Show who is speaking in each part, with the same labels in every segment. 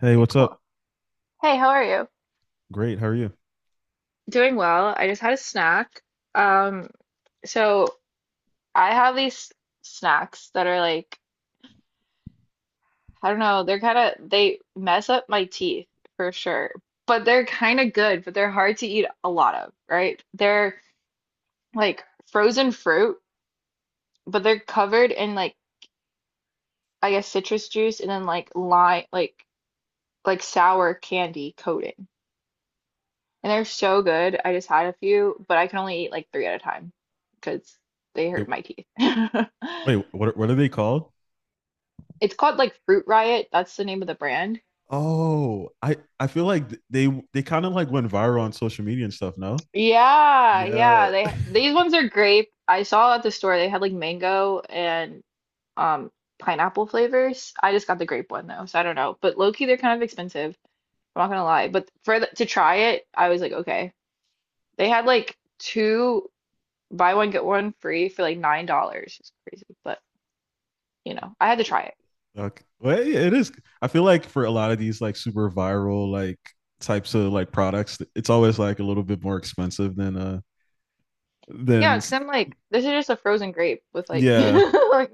Speaker 1: Hey,
Speaker 2: Okay,
Speaker 1: what's
Speaker 2: cool.
Speaker 1: up?
Speaker 2: Hey, how are you?
Speaker 1: Great. How are you?
Speaker 2: Doing well. I just had a snack. Um, so I have these snacks that are like, I don't know, they're kind of they mess up my teeth for sure, but they're kind of good, but they're hard to eat a lot of, right? They're like frozen fruit, but they're covered in like I guess citrus juice and then like lime, like sour candy coating. And they're so good. I just had a few, but I can only eat like three at a time because they
Speaker 1: Wait,
Speaker 2: hurt my teeth.
Speaker 1: wait, what are they called?
Speaker 2: It's called like Fruit Riot. That's the name of the brand.
Speaker 1: Oh, I feel like they kind of like went viral on social media and stuff, no?
Speaker 2: Yeah,
Speaker 1: Yeah.
Speaker 2: yeah. They these ones are grape. I saw at the store they had like mango and um pineapple flavors. I just got the grape one though, so I don't know. But low key, they're kind of expensive. I'm not gonna lie. But for to try it, I was like, okay. They had like two buy one get one free for like $9. It's crazy, but I had to try it.
Speaker 1: Okay. Well, yeah, it is. I feel like for a lot of these like super viral like types of like products, it's always like a little bit more expensive than than
Speaker 2: Yeah, because
Speaker 1: s-
Speaker 2: I'm like, this is just a frozen grape with like,
Speaker 1: yeah.
Speaker 2: like,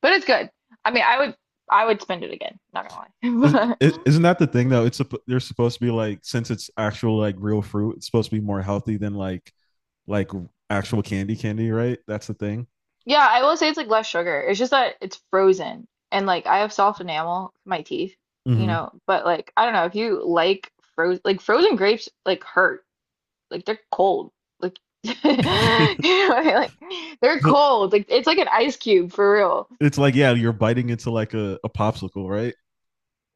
Speaker 2: but it's good. I mean, I would spend it again. Not gonna
Speaker 1: Is,
Speaker 2: lie, but
Speaker 1: isn't that the thing though? They're supposed to be like since it's actual like real fruit, it's supposed to be more healthy than like actual candy candy, right? That's the thing.
Speaker 2: yeah, I will say it's like less sugar. It's just that it's frozen, and like I have soft enamel for my teeth. But like, I don't know if you like frozen grapes, like hurt, like they're cold, like you know, what I mean? Like they're
Speaker 1: So
Speaker 2: cold, like it's like an ice cube for real.
Speaker 1: it's like, yeah, you're biting into like a popsicle, right?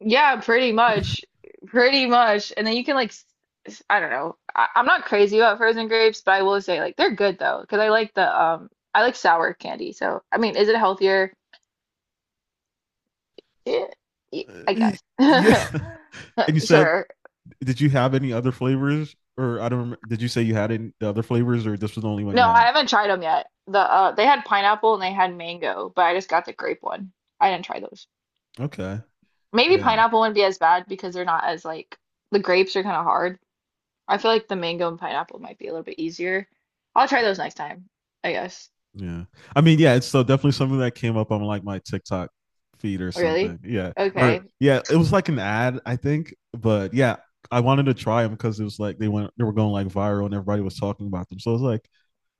Speaker 2: Yeah, pretty much. Pretty much. And then you can like I don't know. I'm not crazy about frozen grapes, but I will say like they're good though, because I like sour candy. So I mean, is it healthier? Yeah,
Speaker 1: Uh,
Speaker 2: I guess.
Speaker 1: Yeah. And you said,
Speaker 2: Sure.
Speaker 1: did you have any other flavors? Or I don't remember. Did you say you had any other flavors, or this was the only one you
Speaker 2: No, I
Speaker 1: had?
Speaker 2: haven't tried them yet. They had pineapple and they had mango, but I just got the grape one. I didn't try those.
Speaker 1: Okay.
Speaker 2: Maybe
Speaker 1: Yeah.
Speaker 2: pineapple wouldn't be as bad because they're not as like the grapes are kind of hard. I feel like the mango and pineapple might be a little bit easier. I'll try those next time. I guess.
Speaker 1: Yeah. I mean, yeah, it's so definitely something that came up on like my TikTok feed or something.
Speaker 2: Really?
Speaker 1: Yeah. Or
Speaker 2: Okay.
Speaker 1: yeah, it was like an ad, I think. But yeah, I wanted to try them because it was like they were going like viral, and everybody was talking about them. So I was like,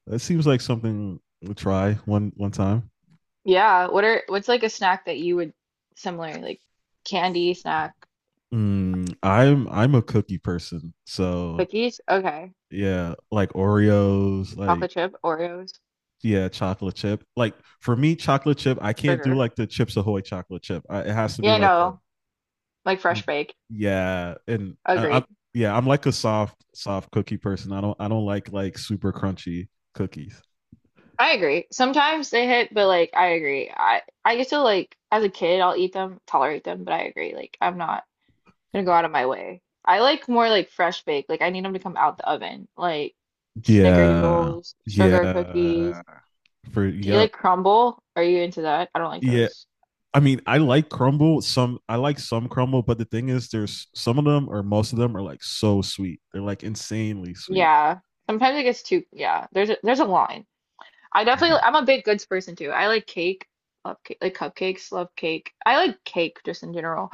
Speaker 1: it seems like something we'll try one time.
Speaker 2: Yeah. What's like a snack that you would similar like candy snack
Speaker 1: I'm a cookie person. So
Speaker 2: cookies? Okay.
Speaker 1: yeah, like Oreos, like
Speaker 2: Chocolate chip, Oreos,
Speaker 1: yeah, chocolate chip. Like for me, chocolate chip, I can't do
Speaker 2: sugar.
Speaker 1: like the Chips Ahoy chocolate chip. It has to be
Speaker 2: Yeah,
Speaker 1: like
Speaker 2: no. Like
Speaker 1: a
Speaker 2: fresh baked.
Speaker 1: yeah, and I'm
Speaker 2: Agreed.
Speaker 1: yeah, I'm like a soft cookie person. I don't like super crunchy cookies.
Speaker 2: I agree. Sometimes they hit, but like I agree. I used to like as a kid I'll eat them, tolerate them, but I agree. Like I'm not gonna go out of my way. I like more like fresh baked. Like I need them to come out the oven. Like
Speaker 1: Yeah.
Speaker 2: snickerdoodles, sugar cookies.
Speaker 1: Yeah. For
Speaker 2: Do you
Speaker 1: Yep.
Speaker 2: like crumble? Are you into that? I don't like
Speaker 1: Yeah.
Speaker 2: those.
Speaker 1: I mean, I like crumble. Some I like some crumble, but the thing is, there's some of them or most of them are like so sweet. They're like insanely sweet.
Speaker 2: Yeah. Sometimes it gets too, yeah. There's a line. I definitely I'm a big goods person too. I like cake, love cake, like cupcakes, love cake. I like cake just in general.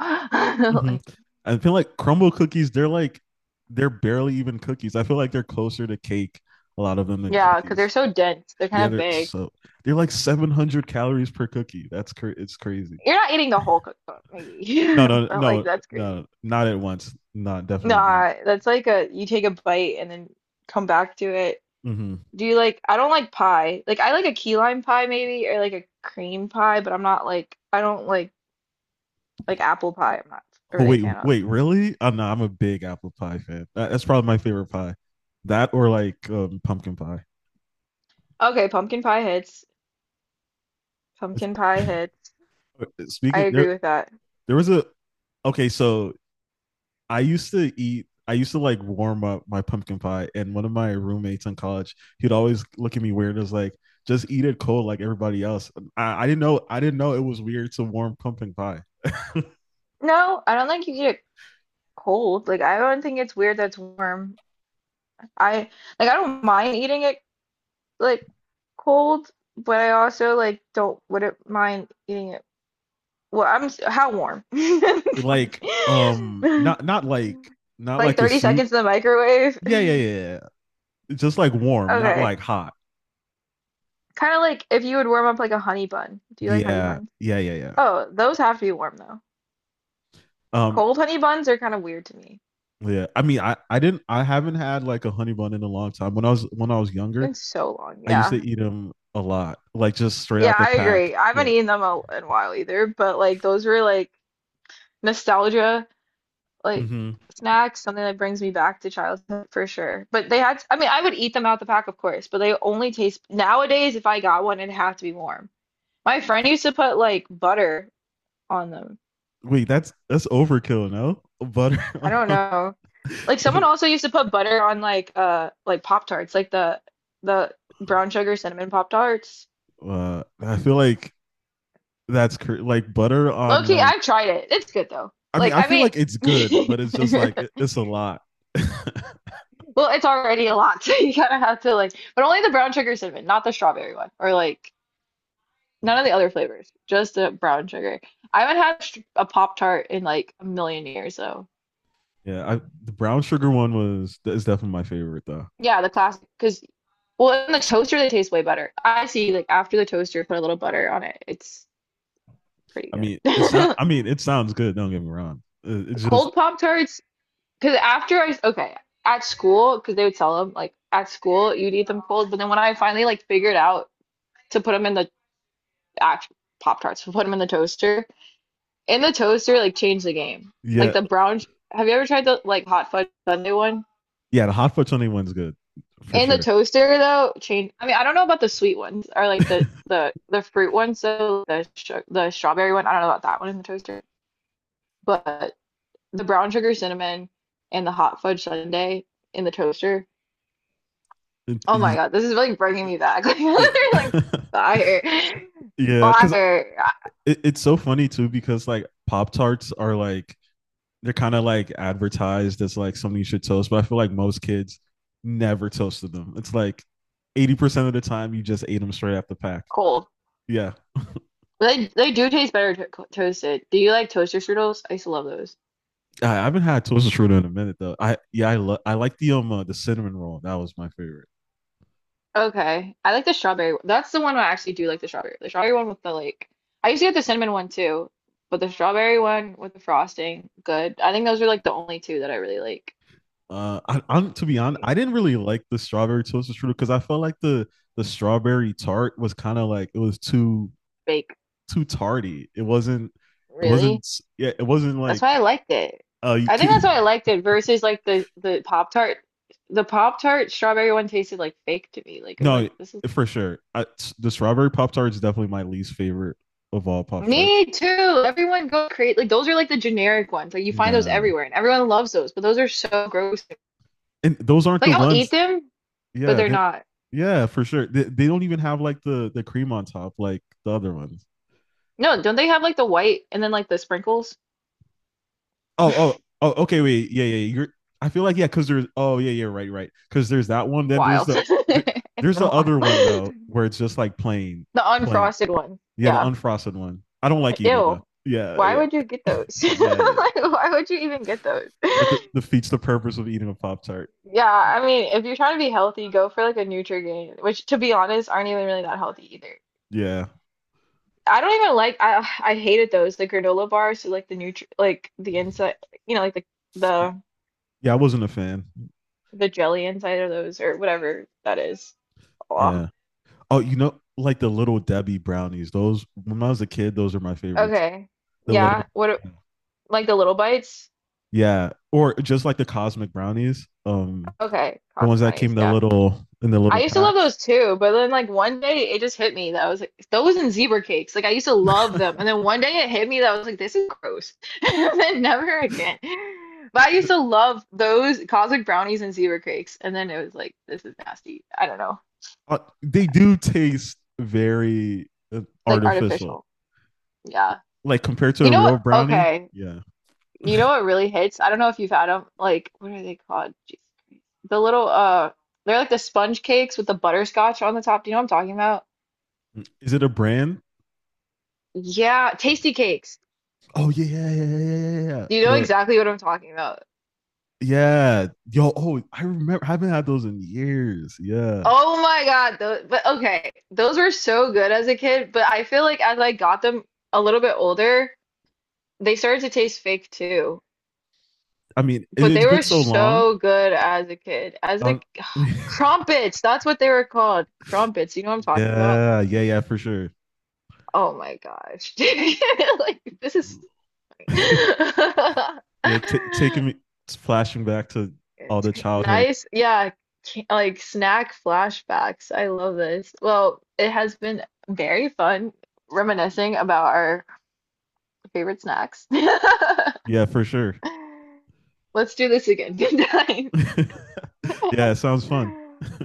Speaker 1: Mhm.
Speaker 2: Like
Speaker 1: I feel like crumble cookies. They're barely even cookies. I feel like they're closer to cake, a lot of them, than
Speaker 2: yeah, because 'cause
Speaker 1: cookies.
Speaker 2: they're so dense. They're
Speaker 1: Yeah,
Speaker 2: kind of
Speaker 1: they're
Speaker 2: big.
Speaker 1: so they're like 700 calories per cookie. It's crazy.
Speaker 2: You're not eating the whole cookbook maybe.
Speaker 1: No, no,
Speaker 2: But like
Speaker 1: no,
Speaker 2: that's crazy.
Speaker 1: no, not at once. Not definitely not.
Speaker 2: Nah, that's like a you take a bite and then come back to it.
Speaker 1: Hmm.
Speaker 2: Do you like I don't like pie. Like I like a key lime pie maybe or like a cream pie, but I'm not like I don't like apple pie. I'm not
Speaker 1: Oh
Speaker 2: really a
Speaker 1: wait,
Speaker 2: fan of.
Speaker 1: wait, really? Oh, no, I'm a big apple pie fan. That's probably my favorite pie. That or like pumpkin pie.
Speaker 2: Okay, pumpkin pie hits.
Speaker 1: It's-
Speaker 2: Pumpkin pie hits. I
Speaker 1: Speaking
Speaker 2: agree
Speaker 1: there,
Speaker 2: with that.
Speaker 1: there was a, okay. So I used to eat. I used to like warm up my pumpkin pie, and one of my roommates in college, he'd always look at me weird, and was like, just eat it cold like everybody else. I didn't know. I didn't know it was weird to warm pumpkin pie.
Speaker 2: No, I don't think you eat it cold. Like I don't think it's weird that it's warm. I like I don't mind eating it like cold, but I also like don't wouldn't mind eating it. Well, how warm? Like,
Speaker 1: Like not not like not
Speaker 2: like
Speaker 1: like a
Speaker 2: 30
Speaker 1: soup.
Speaker 2: seconds in the microwave.
Speaker 1: Yeah, yeah, yeah, yeah, yeah. Just like warm, not
Speaker 2: Okay.
Speaker 1: like hot.
Speaker 2: Kind of like if you would warm up like a honey bun. Do you like honey
Speaker 1: Yeah,
Speaker 2: buns?
Speaker 1: yeah, yeah, yeah.
Speaker 2: Oh, those have to be warm though.
Speaker 1: Um,
Speaker 2: Cold honey buns are kind of weird to me.
Speaker 1: yeah. I mean, I haven't had like a honey bun in a long time. When I was
Speaker 2: Been
Speaker 1: younger,
Speaker 2: so long.
Speaker 1: I used to
Speaker 2: Yeah.
Speaker 1: eat them a lot, like just straight
Speaker 2: Yeah,
Speaker 1: out the
Speaker 2: I
Speaker 1: pack.
Speaker 2: agree. I haven't
Speaker 1: Yeah.
Speaker 2: eaten them in a while either, but like those were like nostalgia like
Speaker 1: Hmm.
Speaker 2: snacks, something that brings me back to childhood for sure. But they had, I mean, I would eat them out the pack, of course, but they only taste nowadays if I got one, it'd have to be warm. My friend used to put like butter on them.
Speaker 1: Wait, that's overkill, no? Butter
Speaker 2: I
Speaker 1: on
Speaker 2: don't
Speaker 1: a-
Speaker 2: know. Like
Speaker 1: I
Speaker 2: someone
Speaker 1: feel,
Speaker 2: also used to put butter on like Pop Tarts, like the brown sugar cinnamon Pop Tarts.
Speaker 1: I feel like, like butter
Speaker 2: Low
Speaker 1: on
Speaker 2: key,
Speaker 1: like,
Speaker 2: I've tried it. It's good though.
Speaker 1: I mean,
Speaker 2: Like,
Speaker 1: I
Speaker 2: I
Speaker 1: feel like it's good,
Speaker 2: mean,
Speaker 1: but it's just like it's a lot.
Speaker 2: well, it's already a lot, so you kind of have to like, but only the brown sugar cinnamon, not the strawberry one, or like none of the other flavors, just the brown sugar. I haven't had a Pop Tart in like a million years, so
Speaker 1: Yeah, the brown sugar one was is definitely my favorite though.
Speaker 2: yeah, the classic. Because well, in the toaster they taste way better. I see, like after the toaster, put a little butter on it, it's pretty
Speaker 1: I mean, it's not.
Speaker 2: good.
Speaker 1: I mean, it sounds good. Don't get me wrong. Uh, It- It's just,
Speaker 2: Cold Pop Tarts. Okay, at school, because they would sell them, like at school, you'd eat them cold. But then when I finally like figured out to put them in the actual Pop Tarts, to put them in the toaster, like changed the game. Like
Speaker 1: yeah,
Speaker 2: the brown, have you ever tried the like hot fudge sundae one?
Speaker 1: yeah. The hot for 21's good for
Speaker 2: In the
Speaker 1: sure.
Speaker 2: toaster though, change. I mean, I don't know about the sweet ones or like the fruit ones. So the strawberry one, I don't know about that one in the toaster. But the brown sugar cinnamon and the hot fudge sundae in the toaster
Speaker 1: It-
Speaker 2: Oh my
Speaker 1: you-
Speaker 2: God, this is really bringing me back. Like fire,
Speaker 1: yeah, because
Speaker 2: fire, ah,
Speaker 1: it's so funny too. Because like Pop Tarts are like, they're kind of like advertised as like something you should toast, but I feel like most kids never toasted them. It's like 80% of the time you just ate them straight out the pack.
Speaker 2: cold.
Speaker 1: Yeah,
Speaker 2: They do taste better to toasted. Do you like toaster strudels? I used to love those.
Speaker 1: I haven't had toaster strudel in a minute though. I yeah, I love I like the cinnamon roll. That was my favorite.
Speaker 2: Okay, I like the strawberry one. That's the one I actually do like, the strawberry. The strawberry one with the like. I used to get the cinnamon one too, but the strawberry one with the frosting, good. I think those are like the only two that I really like.
Speaker 1: I'm to be honest, I didn't really like the strawberry toaster strudel because I felt like the strawberry tart was kind of like it was too
Speaker 2: Bake,
Speaker 1: too tardy. It wasn't it
Speaker 2: really.
Speaker 1: wasn't yeah, it wasn't
Speaker 2: That's
Speaker 1: like
Speaker 2: why I liked it.
Speaker 1: you
Speaker 2: I think that's
Speaker 1: could.
Speaker 2: why I liked it versus like the Pop Tart. The Pop Tart strawberry one tasted like fake to me. Like it was
Speaker 1: No,
Speaker 2: like this is
Speaker 1: for sure. The strawberry pop tart is definitely my least favorite of all pop tarts.
Speaker 2: me too. Everyone go create like those are like the generic ones. Like you find those
Speaker 1: Nah,
Speaker 2: everywhere and everyone loves those, but those are so gross.
Speaker 1: and those aren't the
Speaker 2: Like I'll eat
Speaker 1: ones,
Speaker 2: them, but
Speaker 1: yeah,
Speaker 2: they're not.
Speaker 1: yeah, for sure. They don't even have like the cream on top like the other ones.
Speaker 2: No, don't they have like the white and then like the sprinkles?
Speaker 1: Oh, oh, oh. Okay,
Speaker 2: A
Speaker 1: wait. Yeah, yeah. You're. I feel like, yeah, because there's. Oh, yeah, yeah. Right, right. Because there's that one. Then
Speaker 2: while.
Speaker 1: there,
Speaker 2: It's
Speaker 1: there's
Speaker 2: been a
Speaker 1: the
Speaker 2: while.
Speaker 1: other one though, where it's just like plain,
Speaker 2: The
Speaker 1: plain.
Speaker 2: unfrosted one.
Speaker 1: Yeah, the
Speaker 2: Yeah.
Speaker 1: unfrosted one. I don't like either though.
Speaker 2: Ew.
Speaker 1: Yeah,
Speaker 2: Why
Speaker 1: yeah,
Speaker 2: would you get those?
Speaker 1: yeah, yeah.
Speaker 2: Like why would you even get those?
Speaker 1: That defeats the purpose of eating a pop tart.
Speaker 2: Yeah, I mean, if you're trying to be healthy, go for like a Nutrigrain, which to be honest, aren't even really that healthy either.
Speaker 1: Yeah,
Speaker 2: I don't even like I hated those the granola bars, so like the nutri like the inside, you know, like the
Speaker 1: yeah. I wasn't a fan.
Speaker 2: the jelly inside of those or whatever that is. Oh,
Speaker 1: Yeah. Oh, like the little Debbie brownies. Those when I was a kid, those are my favorites.
Speaker 2: okay,
Speaker 1: The little
Speaker 2: yeah. What a- like the little bites?
Speaker 1: Yeah, or just like the cosmic brownies,
Speaker 2: Okay,
Speaker 1: the
Speaker 2: cotton
Speaker 1: ones that came
Speaker 2: brownies.
Speaker 1: in the
Speaker 2: Yeah.
Speaker 1: little in the
Speaker 2: I
Speaker 1: little
Speaker 2: used to love
Speaker 1: packs.
Speaker 2: those too, but then like one day it just hit me that I was like those and zebra cakes. Like I used to love them, and then one day it hit me that I was like this is gross, and then never again. But I used
Speaker 1: The-
Speaker 2: to love those cosmic brownies and zebra cakes, and then it was like this is nasty. I don't know,
Speaker 1: they do taste very
Speaker 2: like
Speaker 1: artificial,
Speaker 2: artificial. Yeah,
Speaker 1: like compared to
Speaker 2: you
Speaker 1: a
Speaker 2: know
Speaker 1: real
Speaker 2: what?
Speaker 1: brownie.
Speaker 2: Okay,
Speaker 1: Yeah,
Speaker 2: you know what really hits? I don't know if you've had them. Like what are they called? Jeez. The little they're like the sponge cakes with the butterscotch on the top. Do you know what I'm talking about?
Speaker 1: is it a brand?
Speaker 2: Yeah, tasty cakes.
Speaker 1: Oh, yeah, yeah, yeah, yeah, yeah, yeah, yeah.
Speaker 2: You know
Speaker 1: The
Speaker 2: exactly what I'm talking about.
Speaker 1: Yeah, yo, oh, I remember. I haven't had those in years. Yeah,
Speaker 2: Oh my God, those, but okay, those were so good as a kid, but I feel like as I got them a little bit older, they started to taste fake too.
Speaker 1: I mean, it,
Speaker 2: But
Speaker 1: it's
Speaker 2: they
Speaker 1: been
Speaker 2: were
Speaker 1: so long.
Speaker 2: so good as a kid. As
Speaker 1: I
Speaker 2: a
Speaker 1: don't-
Speaker 2: crumpets, that's what they were called. Crumpets, you know what I'm talking about?
Speaker 1: yeah, yeah, yeah, for sure.
Speaker 2: Oh my gosh. Like this is
Speaker 1: Yeah, ta taking me flashing back to all
Speaker 2: It's
Speaker 1: the childhood.
Speaker 2: nice. Yeah, like snack flashbacks. I love this. Well, it has been very fun reminiscing about our favorite snacks.
Speaker 1: Yeah, for sure.
Speaker 2: Let's do this again. Good night.
Speaker 1: Yeah, it sounds fun.